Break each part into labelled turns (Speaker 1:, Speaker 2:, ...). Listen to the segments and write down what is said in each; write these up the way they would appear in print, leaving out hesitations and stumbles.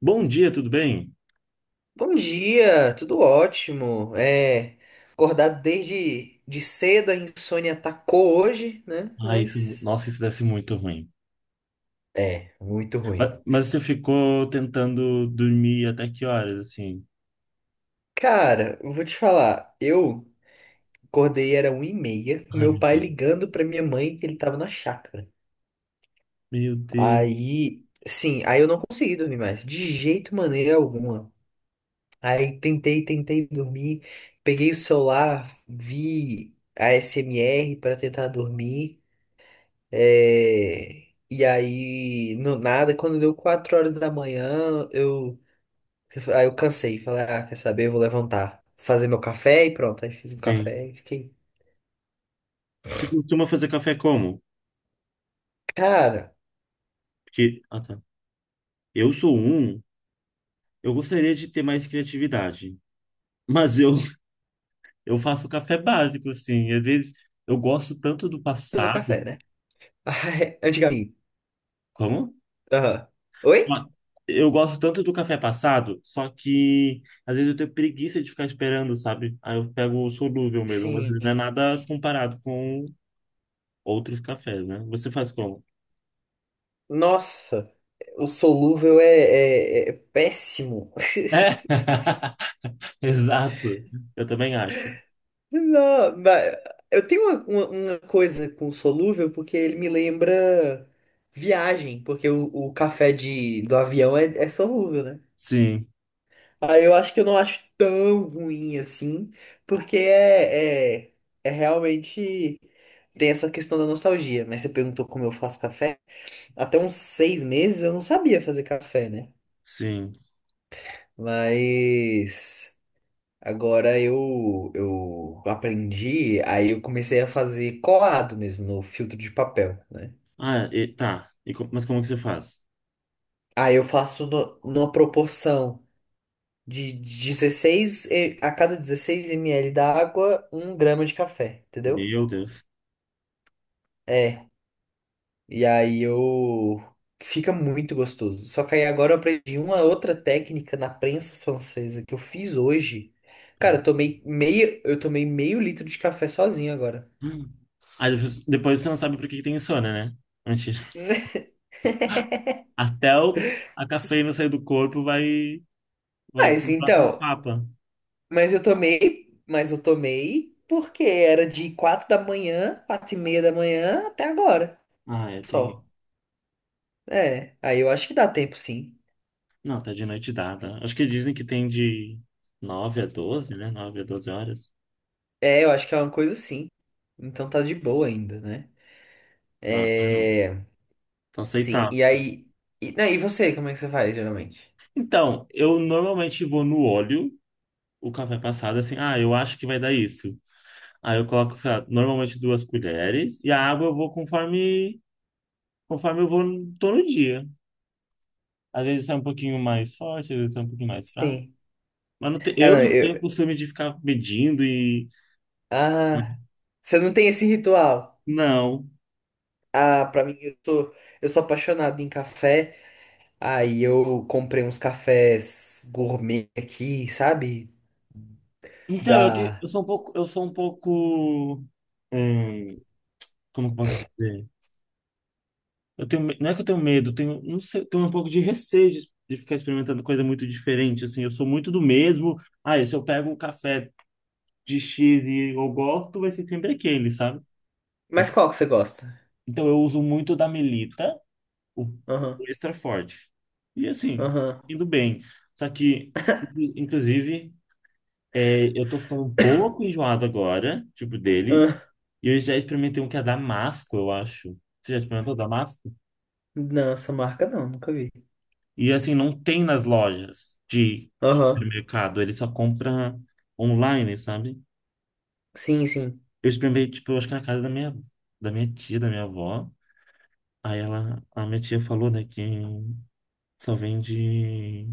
Speaker 1: Bom dia, tudo bem?
Speaker 2: Bom dia, tudo ótimo. É, acordado desde de cedo, a insônia atacou hoje, né?
Speaker 1: Ah, isso,
Speaker 2: Mas
Speaker 1: nossa, isso deve ser muito ruim.
Speaker 2: é, muito ruim.
Speaker 1: Mas você ficou tentando dormir até que horas, assim?
Speaker 2: Cara, eu vou te falar, eu acordei era 1 e meia, com
Speaker 1: Ai,
Speaker 2: meu
Speaker 1: meu
Speaker 2: pai
Speaker 1: Deus.
Speaker 2: ligando pra minha mãe que ele tava na chácara.
Speaker 1: Meu Deus.
Speaker 2: Aí, sim, aí eu não consegui dormir mais, de jeito maneira alguma. Aí tentei, tentei dormir, peguei o celular, vi a SMR pra tentar dormir. É, e aí, no nada, quando deu 4 horas da manhã, aí eu cansei. Falei, ah, quer saber? Eu vou levantar, fazer meu café e pronto. Aí fiz um café
Speaker 1: Sim.
Speaker 2: e fiquei,
Speaker 1: Você costuma fazer café como?
Speaker 2: cara,
Speaker 1: Porque, ah, tá. Eu sou um, eu gostaria de ter mais criatividade. Mas eu, eu faço café básico, assim. Às vezes eu gosto tanto do
Speaker 2: fazer café,
Speaker 1: passado.
Speaker 2: né? Ai, antigamente.
Speaker 1: Como?
Speaker 2: Aham.
Speaker 1: Só-
Speaker 2: Oi?
Speaker 1: Eu gosto tanto do café passado, só que às vezes eu tenho preguiça de ficar esperando, sabe? Aí eu pego o solúvel mesmo, mas ele não é
Speaker 2: Sim.
Speaker 1: nada comparado com outros cafés, né? Você faz como?
Speaker 2: Nossa, o solúvel é péssimo.
Speaker 1: É, exato. Eu também acho.
Speaker 2: Não, mas eu tenho uma coisa com solúvel porque ele me lembra viagem, porque o café do avião é solúvel, né?
Speaker 1: Sim,
Speaker 2: Aí eu acho que eu não acho tão ruim assim, porque é realmente tem essa questão da nostalgia. Mas você perguntou como eu faço café? Até uns 6 meses eu não sabia fazer café, né?
Speaker 1: sim.
Speaker 2: Mas. Agora eu aprendi, aí eu comecei a fazer colado mesmo no filtro de papel, né?
Speaker 1: Ah, tá. E mas como que você faz?
Speaker 2: Aí eu faço numa proporção a cada 16 ml da água, 1 grama de café, entendeu?
Speaker 1: Meu Deus.
Speaker 2: É, e aí eu... Fica muito gostoso. Só que aí agora eu aprendi uma outra técnica na prensa francesa que eu fiz hoje. Cara,
Speaker 1: Peraí.
Speaker 2: eu tomei meio litro de café sozinho agora.
Speaker 1: Hum. Aí depois, você não sabe por que que tem insônia, né? Mentira. Até o, a cafeína sair do corpo vai ter
Speaker 2: Mas
Speaker 1: o próximo
Speaker 2: então,
Speaker 1: papa.
Speaker 2: Mas eu tomei porque era de 4 da manhã, 4h30 da manhã até agora,
Speaker 1: Ah, é,
Speaker 2: só.
Speaker 1: tem.
Speaker 2: É, aí eu acho que dá tempo sim.
Speaker 1: Não, tá de noite dada. Acho que dizem que tem de 9 a 12, né? 9 a 12 horas.
Speaker 2: É, eu acho que é uma coisa sim. Então tá de boa ainda, né?
Speaker 1: Tá, ah, não.
Speaker 2: É,
Speaker 1: Tá
Speaker 2: sim,
Speaker 1: aceitável.
Speaker 2: e aí... E, não, e você, como é que você faz, geralmente?
Speaker 1: Então, eu normalmente vou no óleo, o café passado, assim, ah, eu acho que vai dar isso. Aí eu coloco, sei lá, normalmente duas colheres, e a água eu vou conforme eu vou todo dia. Às vezes sai um pouquinho mais forte, às vezes sai um pouquinho mais fraco.
Speaker 2: Sim.
Speaker 1: Mas
Speaker 2: Ah, não,
Speaker 1: eu não tenho
Speaker 2: eu...
Speaker 1: costume de ficar medindo e.
Speaker 2: Ah, você não tem esse ritual?
Speaker 1: Não.
Speaker 2: Ah, pra mim, eu sou... Eu sou apaixonado em café, aí eu comprei uns cafés gourmet aqui, sabe?
Speaker 1: Então,
Speaker 2: Da.
Speaker 1: eu sou um pouco, eu sou um pouco é, como eu posso dizer? Não é que eu tenho medo, eu tenho, não sei, eu tenho um pouco de receio de ficar experimentando coisa muito diferente, assim, eu sou muito do mesmo. Ah, se eu pego um café de X e eu gosto, vai ser sempre aquele, sabe? Eu
Speaker 2: Mas
Speaker 1: te-
Speaker 2: qual que você gosta?
Speaker 1: então eu uso muito da Melita, o
Speaker 2: Aham,
Speaker 1: extra forte. E assim,
Speaker 2: aham.
Speaker 1: indo bem. Só que, inclusive, é, eu tô ficando um pouco enjoado agora, tipo, dele.
Speaker 2: Ah.
Speaker 1: E eu já experimentei um que é Damasco, eu acho. Você já experimentou Damasco?
Speaker 2: Não, essa marca não, nunca vi.
Speaker 1: E assim, não tem nas lojas de
Speaker 2: Aham.
Speaker 1: supermercado, ele só compra online, sabe?
Speaker 2: Sim, sim.
Speaker 1: Eu experimentei, tipo, eu acho que na casa da minha tia, da minha avó. Aí ela, a minha tia falou, né, que só vende,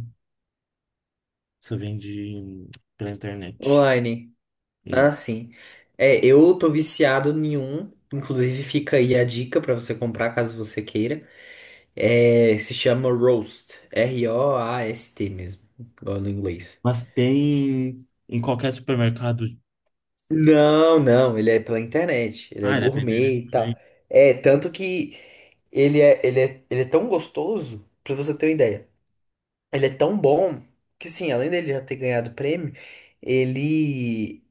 Speaker 1: só vende pela internet.
Speaker 2: Online. Ah,
Speaker 1: Isso.
Speaker 2: sim. É, eu tô viciado em um. Inclusive, fica aí a dica pra você comprar caso você queira. É, se chama Roast. Roast mesmo. Igual no inglês.
Speaker 1: Mas tem em qualquer supermercado.
Speaker 2: Não, não, ele é pela internet, ele é
Speaker 1: Ah, ele é pela
Speaker 2: gourmet
Speaker 1: internet
Speaker 2: e tal.
Speaker 1: também.
Speaker 2: É, tanto que ele é tão gostoso, pra você ter uma ideia. Ele é tão bom que, sim, além dele já ter ganhado o prêmio, ele.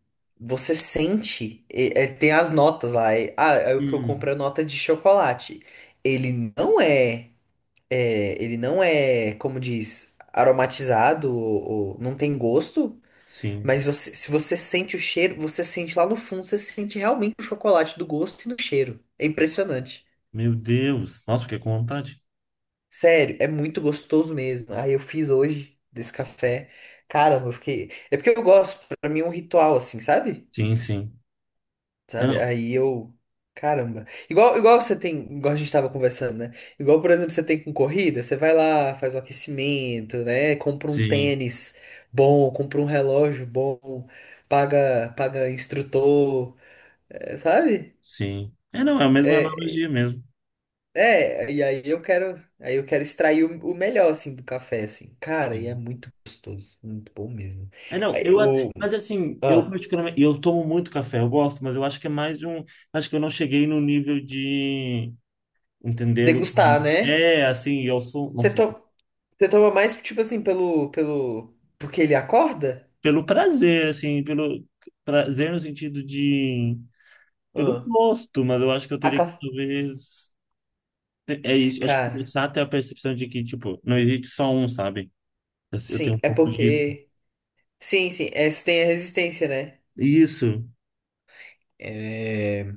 Speaker 2: Você sente. Tem as notas lá. É o que eu
Speaker 1: Hum,
Speaker 2: compro é nota de chocolate. Ele não é. É, ele não é, como diz, aromatizado, ou não tem gosto,
Speaker 1: sim.
Speaker 2: mas você, se você sente o cheiro, você sente lá no fundo, você sente realmente o chocolate do gosto e do cheiro. É impressionante.
Speaker 1: Meu Deus. Nossa, fiquei com vontade.
Speaker 2: Sério, é muito gostoso mesmo. Aí eu fiz hoje desse café. Caramba, eu fiquei. É porque eu gosto, pra mim é um ritual assim, sabe?
Speaker 1: Sim, sim. É,
Speaker 2: Sabe?
Speaker 1: não.
Speaker 2: Aí eu. Caramba. Igual você tem, igual a gente tava conversando, né? Igual, por exemplo, você tem com corrida, você vai lá, faz o aquecimento, né? Compra um
Speaker 1: Sim,
Speaker 2: tênis bom, compra um relógio bom, paga, paga instrutor, é, sabe?
Speaker 1: sim. É, não, é a mesma
Speaker 2: É,
Speaker 1: analogia mesmo.
Speaker 2: é, e aí eu quero extrair o melhor assim do café assim. Cara, e é
Speaker 1: Sim.
Speaker 2: muito gostoso, muito bom mesmo.
Speaker 1: É, não,
Speaker 2: Aí o
Speaker 1: mas assim, eu
Speaker 2: ah,
Speaker 1: particularmente, eu tomo muito café, eu gosto, mas eu acho que é mais um, acho que eu não cheguei no nível de entendê-lo. Como-
Speaker 2: degustar, né?
Speaker 1: É, assim, eu sou,
Speaker 2: Você
Speaker 1: nossa,
Speaker 2: to, você toma mais tipo assim pelo porque ele acorda?
Speaker 1: pelo prazer, assim, pelo prazer no sentido de, pelo
Speaker 2: Ah,
Speaker 1: gosto, mas eu acho que eu
Speaker 2: a
Speaker 1: teria que
Speaker 2: ca-
Speaker 1: talvez, é isso, eu acho que
Speaker 2: cara,
Speaker 1: começar a ter a percepção de que, tipo, não existe só um, sabe? Eu tenho
Speaker 2: sim,
Speaker 1: um
Speaker 2: é
Speaker 1: pouco disso.
Speaker 2: porque sim, sim, é, você tem a resistência, né?
Speaker 1: Isso,
Speaker 2: É,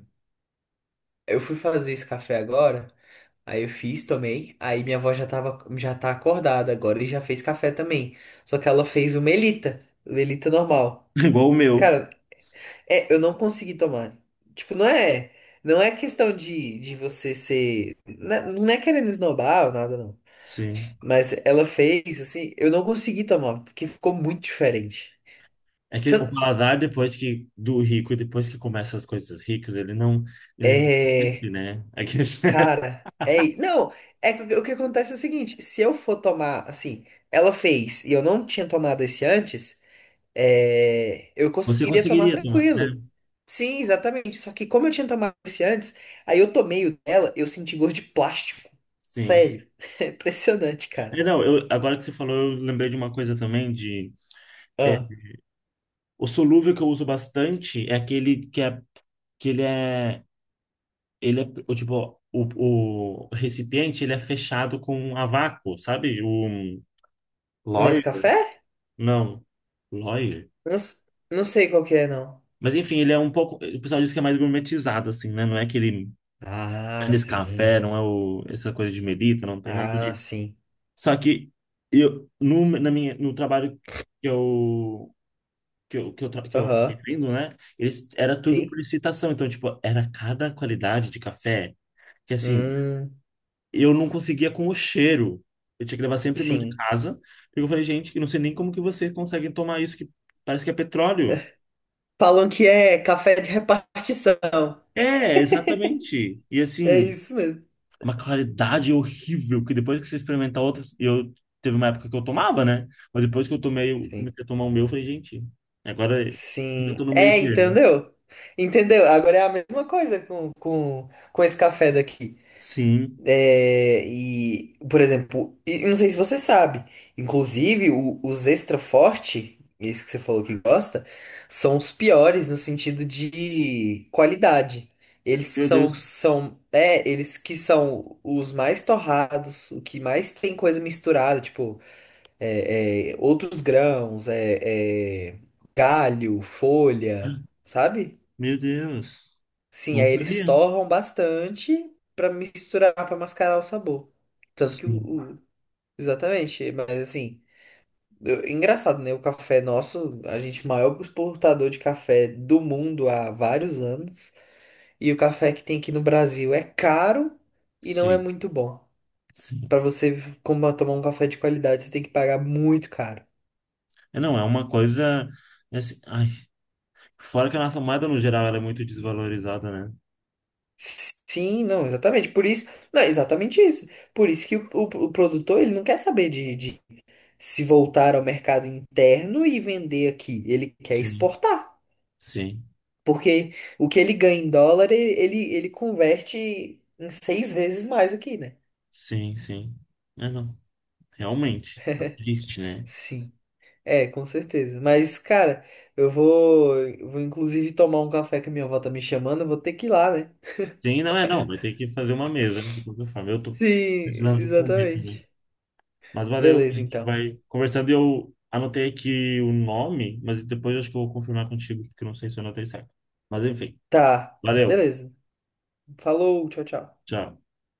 Speaker 2: eu fui fazer esse café agora. Aí eu fiz, tomei. Aí minha avó já tava, já tá acordada agora e já fez café também. Só que ela fez o Melita normal.
Speaker 1: igual o meu,
Speaker 2: Cara, é, eu não consegui tomar. Tipo, não é, não é questão de você ser, né, não é querendo esnobar ou nada não.
Speaker 1: sim.
Speaker 2: Mas ela fez assim, eu não consegui tomar, porque ficou muito diferente.
Speaker 1: É que
Speaker 2: Se
Speaker 1: o
Speaker 2: eu-
Speaker 1: paladar, depois que do rico, depois que começa as coisas ricas, ele não conhece,
Speaker 2: É,
Speaker 1: né? É que-
Speaker 2: cara, é, i- não, é que o que acontece é o seguinte, se eu for tomar assim, ela fez e eu não tinha tomado esse antes é, eu
Speaker 1: você
Speaker 2: conseguiria tomar
Speaker 1: conseguiria tomar, né?
Speaker 2: tranquilo. Sim, exatamente. Só que como eu tinha tomado esse antes, aí eu tomei o dela, eu senti gosto de plástico.
Speaker 1: Sim.
Speaker 2: Sério. É impressionante, cara.
Speaker 1: É, não, eu, agora que você falou, eu lembrei de uma coisa também de
Speaker 2: Ah,
Speaker 1: o solúvel que eu uso bastante é aquele que é que ele é o tipo o recipiente ele é fechado com a vácuo, sabe? O
Speaker 2: nesse
Speaker 1: Lawyer?
Speaker 2: café?
Speaker 1: Não, Lawyer.
Speaker 2: Não, não sei qual que é, não.
Speaker 1: Mas enfim, ele é um pouco, o pessoal diz que é mais gourmetizado assim, né? Não é aquele
Speaker 2: Ah,
Speaker 1: esse
Speaker 2: sim.
Speaker 1: café, não é o, essa coisa de medita não tem nada
Speaker 2: Ah,
Speaker 1: de.
Speaker 2: sim.
Speaker 1: Só que eu no, na minha, no trabalho que eu que eu acabei
Speaker 2: Aham.
Speaker 1: tendo, né? Eles, era tudo por
Speaker 2: Sim.
Speaker 1: licitação, então tipo, era cada qualidade de café que assim,
Speaker 2: Hum,
Speaker 1: eu não conseguia com o cheiro. Eu tinha que levar sempre o meu de
Speaker 2: sim.
Speaker 1: casa, porque eu falei, gente, eu não sei nem como que vocês conseguem tomar isso que parece que é petróleo.
Speaker 2: Falam que é café de repartição.
Speaker 1: É, exatamente. E
Speaker 2: É
Speaker 1: assim,
Speaker 2: isso mesmo.
Speaker 1: uma claridade horrível que depois que você experimentar outras, eu teve uma época que eu tomava, né? Mas depois que eu tomei, eu
Speaker 2: Sim.
Speaker 1: comecei a tomar o meu, eu falei, gente, agora eu tô
Speaker 2: Sim,
Speaker 1: no
Speaker 2: é,
Speaker 1: meio termo.
Speaker 2: entendeu? Entendeu? Agora é a mesma coisa com esse café daqui.
Speaker 1: Sim.
Speaker 2: É, e, por exemplo, e eu não sei se você sabe, inclusive os extra forte, esse que você falou que gosta, são os piores no sentido de qualidade. Eles que
Speaker 1: Meu
Speaker 2: são,
Speaker 1: Deus.
Speaker 2: são, é, eles que são os mais torrados, o que mais tem coisa misturada, tipo outros grãos, galho, folha, sabe?
Speaker 1: Meu Deus.
Speaker 2: Sim,
Speaker 1: Não
Speaker 2: aí eles
Speaker 1: sabia.
Speaker 2: torram bastante pra misturar, pra mascarar o sabor. Tanto que
Speaker 1: Sim.
Speaker 2: exatamente, mas assim, eu- engraçado, né? O café nosso, a gente é o maior exportador de café do mundo há vários anos, e o café que tem aqui no Brasil é caro e não é
Speaker 1: Sim.
Speaker 2: muito bom.
Speaker 1: Sim.
Speaker 2: Pra você como tomar um café de qualidade, você tem que pagar muito caro.
Speaker 1: É, não, é uma coisa é assim, ai, fora que a nossa moeda no geral ela é muito desvalorizada, né?
Speaker 2: Sim, não, exatamente. Por isso, não, exatamente isso. Por isso que o produtor ele não quer saber de se voltar ao mercado interno e vender aqui. Ele quer
Speaker 1: Sim.
Speaker 2: exportar.
Speaker 1: Sim.
Speaker 2: Porque o que ele ganha em dólar, ele converte em 6 vezes mais aqui, né?
Speaker 1: Sim, sim. É, não. Realmente. Tá triste, né?
Speaker 2: Sim, é, com certeza. Mas, cara, eu vou inclusive tomar um café que a minha avó tá me chamando, eu vou ter que ir lá, né?
Speaker 1: Sim, não é, não. Vai ter que fazer uma mesa, de qualquer forma. Eu tô precisando
Speaker 2: Sim,
Speaker 1: de comer também.
Speaker 2: exatamente.
Speaker 1: Mas valeu, a
Speaker 2: Beleza,
Speaker 1: gente
Speaker 2: então.
Speaker 1: vai conversando. Eu anotei aqui o nome, mas depois acho que eu vou confirmar contigo, porque eu não sei se eu anotei certo. Mas enfim,
Speaker 2: Tá,
Speaker 1: valeu.
Speaker 2: beleza. Falou, tchau, tchau.
Speaker 1: Tchau.